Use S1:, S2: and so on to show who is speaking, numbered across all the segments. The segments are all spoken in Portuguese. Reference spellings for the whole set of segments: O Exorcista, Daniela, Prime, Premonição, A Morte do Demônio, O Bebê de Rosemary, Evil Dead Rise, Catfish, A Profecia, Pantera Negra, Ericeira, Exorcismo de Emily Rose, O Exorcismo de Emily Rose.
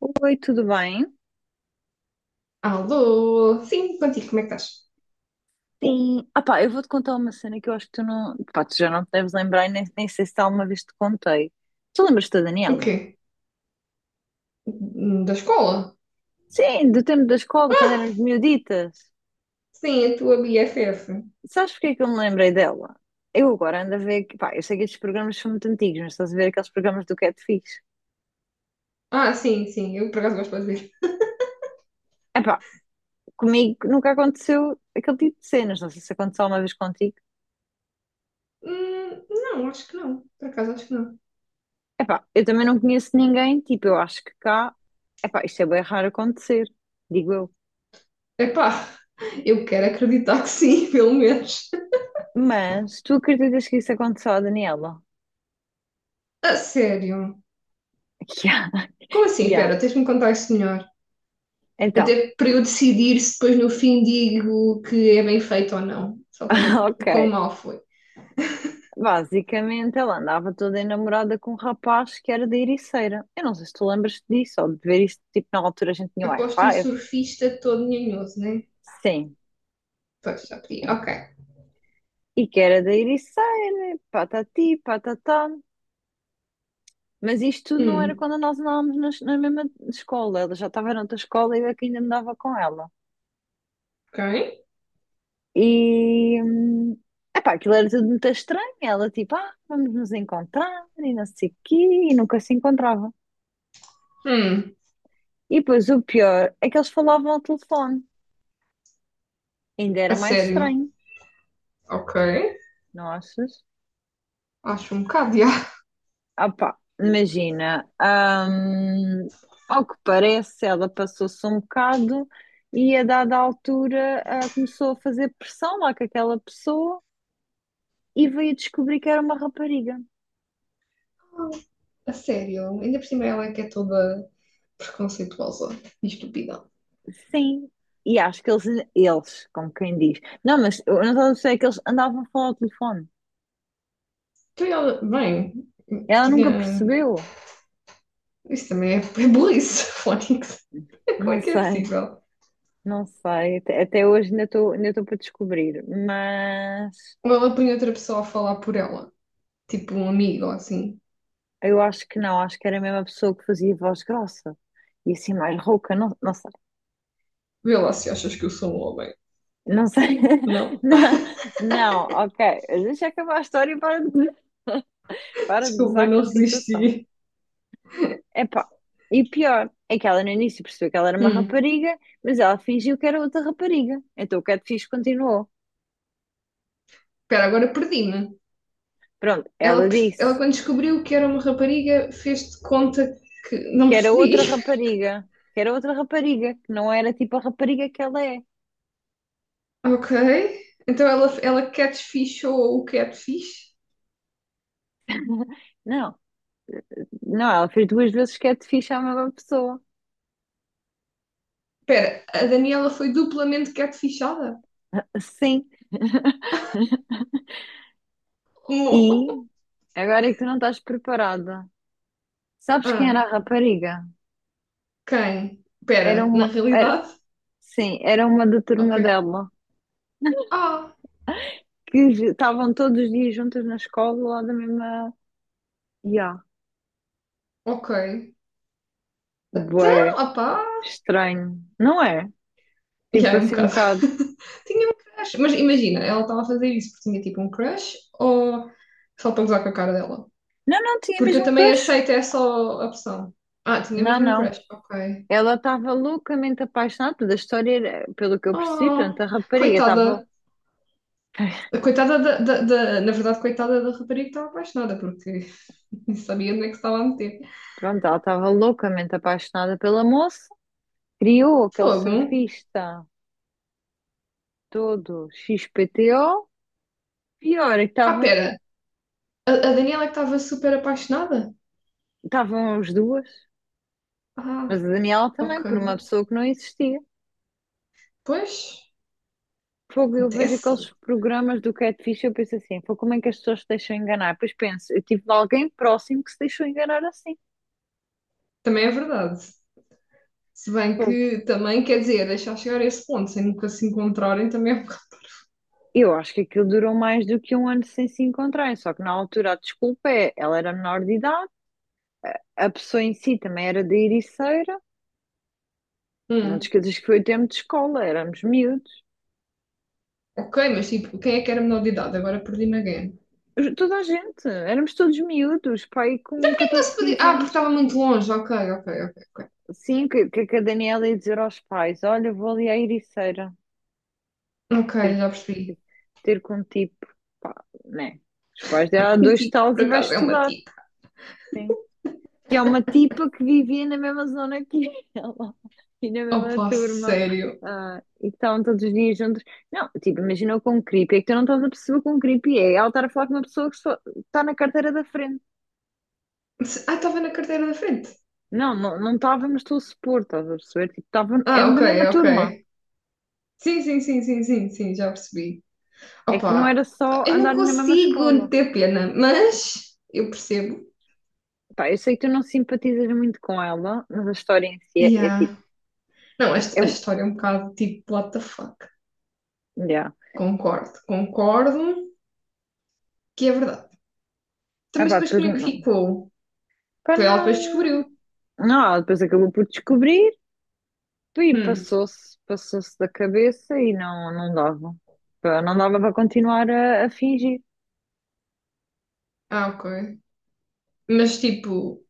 S1: Oi, tudo bem?
S2: Alô? Sim, contigo, como é que estás?
S1: Sim. Ah pá, eu vou-te contar uma cena que eu acho que tu não. Pá, tu já não te deves lembrar, e nem sei se alguma vez te contei. Tu lembras-te da
S2: O
S1: Daniela?
S2: quê? Da escola?
S1: Sim, do tempo da escola, quando
S2: Ah,
S1: éramos miuditas.
S2: sim, a tua BFF.
S1: Sabes porque é que eu me lembrei dela? Eu agora ando a ver. Pá, eu sei que estes programas são muito antigos, mas estás a ver aqueles programas do Catfish.
S2: Ah, sim, sim, eu por acaso gosto de dizer.
S1: É pá, comigo nunca aconteceu aquele tipo de cenas. Não sei se aconteceu alguma vez contigo.
S2: Não, acho que não. Por acaso acho que não.
S1: É, eu também não conheço ninguém. Tipo, eu acho que cá. É pá, isto é bem raro acontecer, digo eu.
S2: Epá, eu quero acreditar que sim, pelo menos.
S1: Mas tu acreditas que isso aconteceu à Daniela?
S2: A sério?
S1: Que há,
S2: Como assim?
S1: que há.
S2: Espera, tens de me contar isso melhor.
S1: Então,
S2: Até para eu decidir se depois no fim digo que é bem feito ou não. Só para ver
S1: ok.
S2: o quão mal foi.
S1: Basicamente, ela andava toda enamorada com um rapaz que era da Ericeira. Eu não sei se tu lembras disso ou de ver isso, tipo, na altura a gente tinha
S2: Aposto um
S1: Wi-Fi.
S2: surfista todo nhanhoso, né?
S1: Sim,
S2: Pois, já pedi.
S1: sim.
S2: Ok.
S1: E que era da Ericeira, patati, patatá. Mas isto tudo não era
S2: Hum,
S1: quando nós andávamos na mesma escola. Ela já estava noutra escola e eu é que ainda andava com ela.
S2: ok.
S1: E, epá, aquilo era tudo muito estranho. Ela tipo, ah, vamos nos encontrar e não sei o quê, e nunca se encontrava.
S2: Hum.
S1: E depois o pior é que eles falavam ao telefone. Ainda era
S2: A
S1: mais
S2: sério?
S1: estranho,
S2: Ok.
S1: não achas?
S2: Acho um bocado de ar.
S1: Ah, pá, imagina, ao que parece, ela passou-se um bocado e a dada altura ah, começou a fazer pressão lá com aquela pessoa e veio descobrir que era uma rapariga.
S2: A sério. Ainda por cima ela é que é toda preconceituosa e estúpida.
S1: Sim, e acho que eles, como quem diz, não, mas eu não sei que eles andavam a falar ao telefone.
S2: Então ela, bem,
S1: Ela nunca
S2: tinha.
S1: percebeu,
S2: Isso também é burrice, Fónix. Como é
S1: não
S2: que é
S1: sei,
S2: possível?
S1: não sei, até hoje ainda estou para descobrir, mas
S2: Ou ela põe outra pessoa a falar por ela. Tipo um amigo assim.
S1: eu acho que não, acho que era a mesma pessoa que fazia voz grossa e assim mais rouca, não, não sei,
S2: Vê lá se achas que eu sou um homem.
S1: não sei,
S2: Não.
S1: não, não, ok, deixa acabar a história e para de
S2: Desculpa,
S1: gozar com
S2: não
S1: a situação.
S2: resisti.
S1: Epá, e pior é que ela no início percebeu que ela era uma
S2: Hum.
S1: rapariga, mas ela fingiu que era outra rapariga. Então o catfish continuou.
S2: Espera, agora perdi-me.
S1: Pronto,
S2: Ela,
S1: ela
S2: ela,
S1: disse
S2: quando descobriu que era uma rapariga, fez de conta que não
S1: que era
S2: percebi.
S1: outra rapariga, que era outra rapariga, que não era tipo a rapariga que ela é.
S2: Ok. Então ela catfishou o catfish.
S1: Não, não, ela fez duas vezes catfish à mesma pessoa.
S2: Espera, a Daniela foi duplamente catfishada?
S1: Sim,
S2: Como?
S1: e agora é que tu não estás preparada. Sabes quem
S2: Ah,
S1: era a rapariga?
S2: quem?
S1: Era
S2: Espera, na
S1: uma, era,
S2: realidade?
S1: sim, era uma da
S2: Ok.
S1: turma dela,
S2: Ah,
S1: estavam todos os dias juntas na escola, lá da mesma. Ya,
S2: ok. Então,
S1: bué,
S2: opá.
S1: estranho, não é?
S2: Já
S1: Tipo
S2: é um
S1: assim um
S2: bocado.
S1: bocado.
S2: Tinha um crush. Mas imagina, ela estava a fazer isso porque tinha tipo um crush ou só para gozar com a cara dela?
S1: Não, não tinha
S2: Porque eu
S1: mesmo um
S2: também
S1: crush.
S2: aceito essa opção. Ah, tinha
S1: Não,
S2: mesmo um
S1: não.
S2: crush, ok.
S1: Ela estava loucamente apaixonada, toda a história era, pelo que eu percebi, portanto,
S2: Oh,
S1: a rapariga estava,
S2: coitada. Coitada da, na verdade, coitada da rapariga que estava apaixonada, porque não sabia onde é que se estava a meter.
S1: pronto, ela estava loucamente apaixonada pela moça, criou aquele
S2: Fogo.
S1: surfista todo XPTO, pior é que
S2: Ah,
S1: estavam,
S2: pera. A Daniela que estava super apaixonada?
S1: estavam as duas,
S2: Ah,
S1: mas a Daniela também,
S2: ok.
S1: por uma pessoa que não existia.
S2: Pois,
S1: Fogo, eu vejo
S2: acontece.
S1: aqueles programas do Catfish e eu penso assim, fogo, como é que as pessoas se deixam enganar? Depois penso, eu tive alguém próximo que se deixou enganar assim.
S2: Também é verdade. Se bem
S1: Fogo.
S2: que também, quer dizer, deixar chegar a esse ponto sem nunca se encontrarem também é um bocado.
S1: Eu acho que aquilo durou mais do que um ano sem se encontrarem, só que na altura a desculpa é, ela era menor de idade, a pessoa em si também era da Ericeira, não te
S2: Hum,
S1: esqueças que foi o tempo de escola, éramos miúdos.
S2: ok, mas tipo, quem é que era menor de idade? Agora perdi-me again.
S1: Toda a gente, éramos todos miúdos, pai com
S2: Não
S1: 14,
S2: se podia.
S1: 15
S2: Ah, porque
S1: anos.
S2: estava muito longe. Ok, ok, ok, ok.
S1: Sim, que a Daniela ia dizer aos pais, olha, vou ali à Ericeira
S2: Ok,
S1: ter
S2: já percebi.
S1: ter com um tipo, pá, né? Os pais dela, há
S2: Um
S1: dois
S2: tipo, que
S1: talos
S2: por
S1: e vai
S2: acaso é uma
S1: estudar.
S2: tica.
S1: Que é uma tipa que vivia na mesma zona que ela e na mesma
S2: Opa,
S1: turma.
S2: sério.
S1: Ah, e que estavam todos os dias juntos. Não, tipo, imagina com um creepy. É que tu não estás a perceber com um creepy. É ela estar a falar com uma pessoa que só está na carteira da frente.
S2: Ah, estava na carteira da frente.
S1: Não, não não estávamos, estou a supor, estás a perceber? Tipo, estavam,
S2: Ah,
S1: eram da
S2: ok,
S1: mesma
S2: ok.
S1: turma.
S2: Sim, sim, sim, sim, sim, sim, já percebi.
S1: É que não
S2: Opa,
S1: era só
S2: eu não
S1: andarem na mesma
S2: consigo
S1: escola.
S2: ter pena, mas eu percebo.
S1: Pá, eu sei que tu não simpatizas muito com ela, mas a história em si é, é tipo,
S2: Yeah. Não,
S1: é,
S2: a história é um bocado tipo, what the fuck.
S1: yeah.
S2: Concordo, concordo que é verdade. Então,
S1: Ah
S2: mas
S1: pá,
S2: depois
S1: depois
S2: como é que
S1: não.
S2: ficou?
S1: Pá,
S2: Foi ela que depois
S1: não.
S2: descobriu.
S1: Não, ela depois acabou por descobrir e
S2: Hum.
S1: passou-se, passou-se da cabeça e não, não dava. Pá, não dava para continuar a fingir,
S2: Ah, ok. Mas tipo,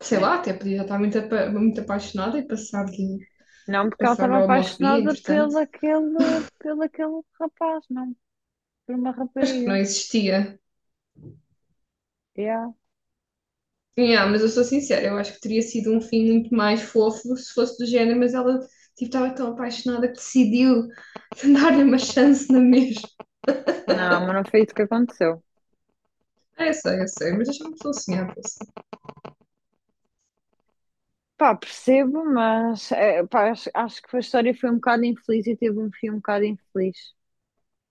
S2: sei
S1: né?
S2: lá, até podia estar muito, muito apaixonada e
S1: Não, porque ela
S2: passar
S1: estava
S2: a homofobia,
S1: apaixonada
S2: entretanto.
S1: pelo aquele rapaz, não, por uma
S2: Acho que não
S1: rapariga.
S2: existia.
S1: Yeah.
S2: Yeah, mas eu sou sincera, eu acho que teria sido um fim muito mais fofo se fosse do género, mas ela tipo, estava tão apaixonada que decidiu dar-lhe uma chance na mesma.
S1: Não, mas não foi isso que aconteceu.
S2: Ah, eu sei, eu sei, mas deixa-me só sonhar com isso.
S1: Pá, percebo, mas é, pá, acho, acho que a história foi um bocado infeliz e teve um fim um bocado infeliz.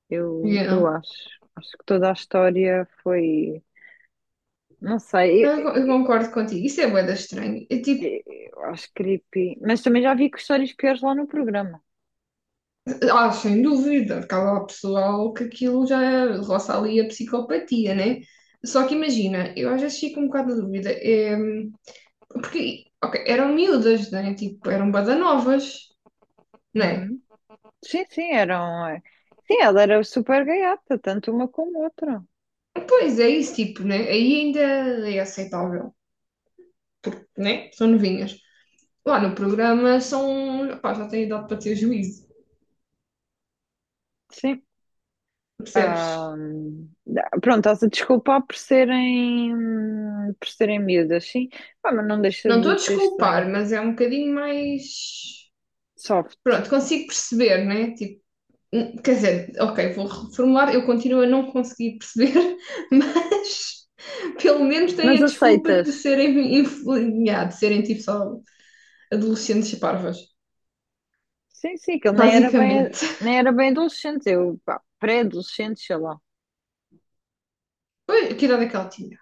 S1: Eu
S2: Yeah.
S1: acho. Acho que toda a história foi. Não
S2: Não,
S1: sei,
S2: Eu
S1: eu,
S2: concordo contigo, isso é bué da estranho. É tipo,
S1: eu- eu acho creepy. Mas também já vi que histórias piores lá no programa.
S2: ah, sem dúvida, porque há lá pessoal que aquilo já roça ali a psicopatia, né? Só que imagina, eu às vezes fico um bocado na dúvida, é, porque, ok, eram miúdas, né? Tipo, eram badanovas, né?
S1: Uhum. Sim, sim, eram. Sim, ela era super gaiata, tanto uma como outra.
S2: Pois é isso, tipo, né? Aí ainda é aceitável, né? São novinhas. Lá no programa são, pá, já têm idade para ter juízo,
S1: Sim.
S2: percebes?
S1: Ah, pronto, estás a desculpar por serem, miúdas, sim. Pá, mas não deixa
S2: Não estou
S1: de
S2: a
S1: ser estranho.
S2: desculpar, mas é um bocadinho mais.
S1: Soft.
S2: Pronto, consigo perceber, né? Tipo, hum, quer dizer, ok, vou reformular. Eu continuo a não conseguir perceber, mas pelo menos têm
S1: Mas
S2: a desculpa de
S1: aceitas?
S2: serem, yeah, de serem tipo só adolescentes e parvas,
S1: Sim, sim, que ele nem era bem,
S2: basicamente.
S1: nem era bem adolescente, eu, pá, pré-adolescente, sei lá.
S2: Pois, que idade é que ela tinha?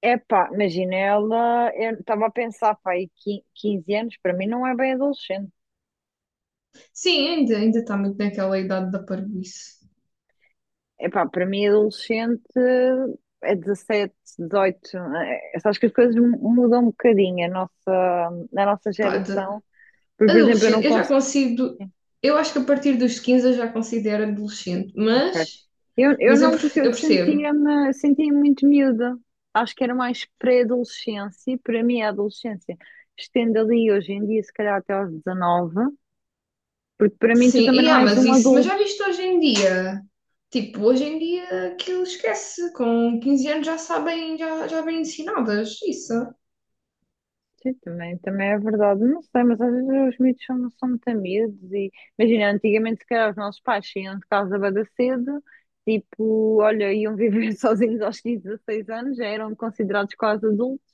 S1: Epá, imagina, ela, eu estava a pensar, pá, aí 15 anos, para mim não é bem adolescente.
S2: Sim, ainda, ainda está muito naquela idade da parvoíce.
S1: Epá, para mim adolescente é 17, 18, sabes que as coisas mudam um bocadinho a nossa, na nossa
S2: Pá, de
S1: geração. Por exemplo, eu não
S2: adolescente, eu já
S1: consigo,
S2: consigo. Eu acho que a partir dos 15 eu já considero adolescente,
S1: ok. Eu
S2: mas eu,
S1: não, porque eu
S2: eu percebo.
S1: sentia muito miúda. Acho que era mais pré-adolescência, e para mim a adolescência estende ali hoje em dia, se calhar até aos 19. Porque para mim tu
S2: Sim, e
S1: também não
S2: yeah,
S1: és
S2: mas
S1: um
S2: isso, mas já
S1: adulto.
S2: viste hoje em dia? Tipo, hoje em dia aquilo esquece, com 15 anos já sabem, já, já bem ensinadas, isso.
S1: Sim, também é verdade. Não sei, mas às vezes os mitos são muito amigos e imagina, antigamente se calhar os nossos pais saíam de casa bada cedo, tipo, olha, iam viver sozinhos aos 15, 16 anos, já eram considerados quase adultos,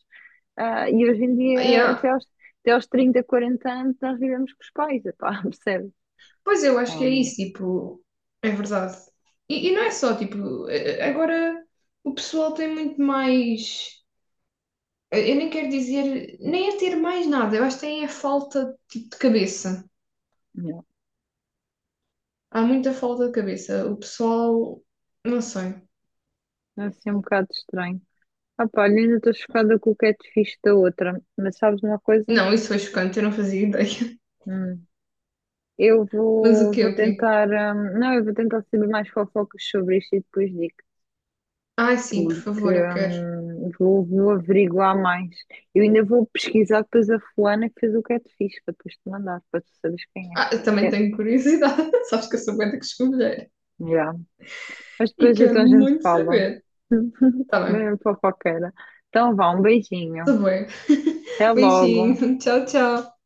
S1: ah, e hoje em dia
S2: Yeah.
S1: até aos 30, 40 anos nós vivemos com os pais, epá, percebe?
S2: Pois eu acho que é
S1: Um,
S2: isso, tipo, é verdade. E não é só, tipo, eh, agora o pessoal tem muito mais, eu nem quero dizer, nem é ter mais nada, eu acho que tem a falta, tipo, de cabeça.
S1: não.
S2: Há muita falta de cabeça. O pessoal, não sei.
S1: É assim um bocado estranho. Ah, pá, olha, ainda estou chocada com o catfish da outra, mas sabes uma coisa?
S2: Não, isso foi chocante, eu não fazia ideia.
S1: Eu
S2: Mas o
S1: vou,
S2: quê,
S1: vou
S2: o quê?
S1: tentar. Não, eu vou tentar saber mais fofocas sobre isto e depois digo,
S2: Ah, sim, por
S1: porque
S2: favor, eu quero.
S1: vou averiguar mais. Eu ainda vou pesquisar depois a fulana que fez o catfish para depois te mandar, para tu saberes quem
S2: Ah, eu
S1: é.
S2: também
S1: É,
S2: tenho curiosidade. Sabes que eu sou bué da que
S1: já. Mas
S2: e
S1: depois
S2: quero
S1: então a gente
S2: muito
S1: fala.
S2: saber. Tá bem.
S1: Bem fofoqueira. Então vá, um
S2: Tá
S1: beijinho.
S2: bem.
S1: Até logo.
S2: Beijinho. Tchau, tchau.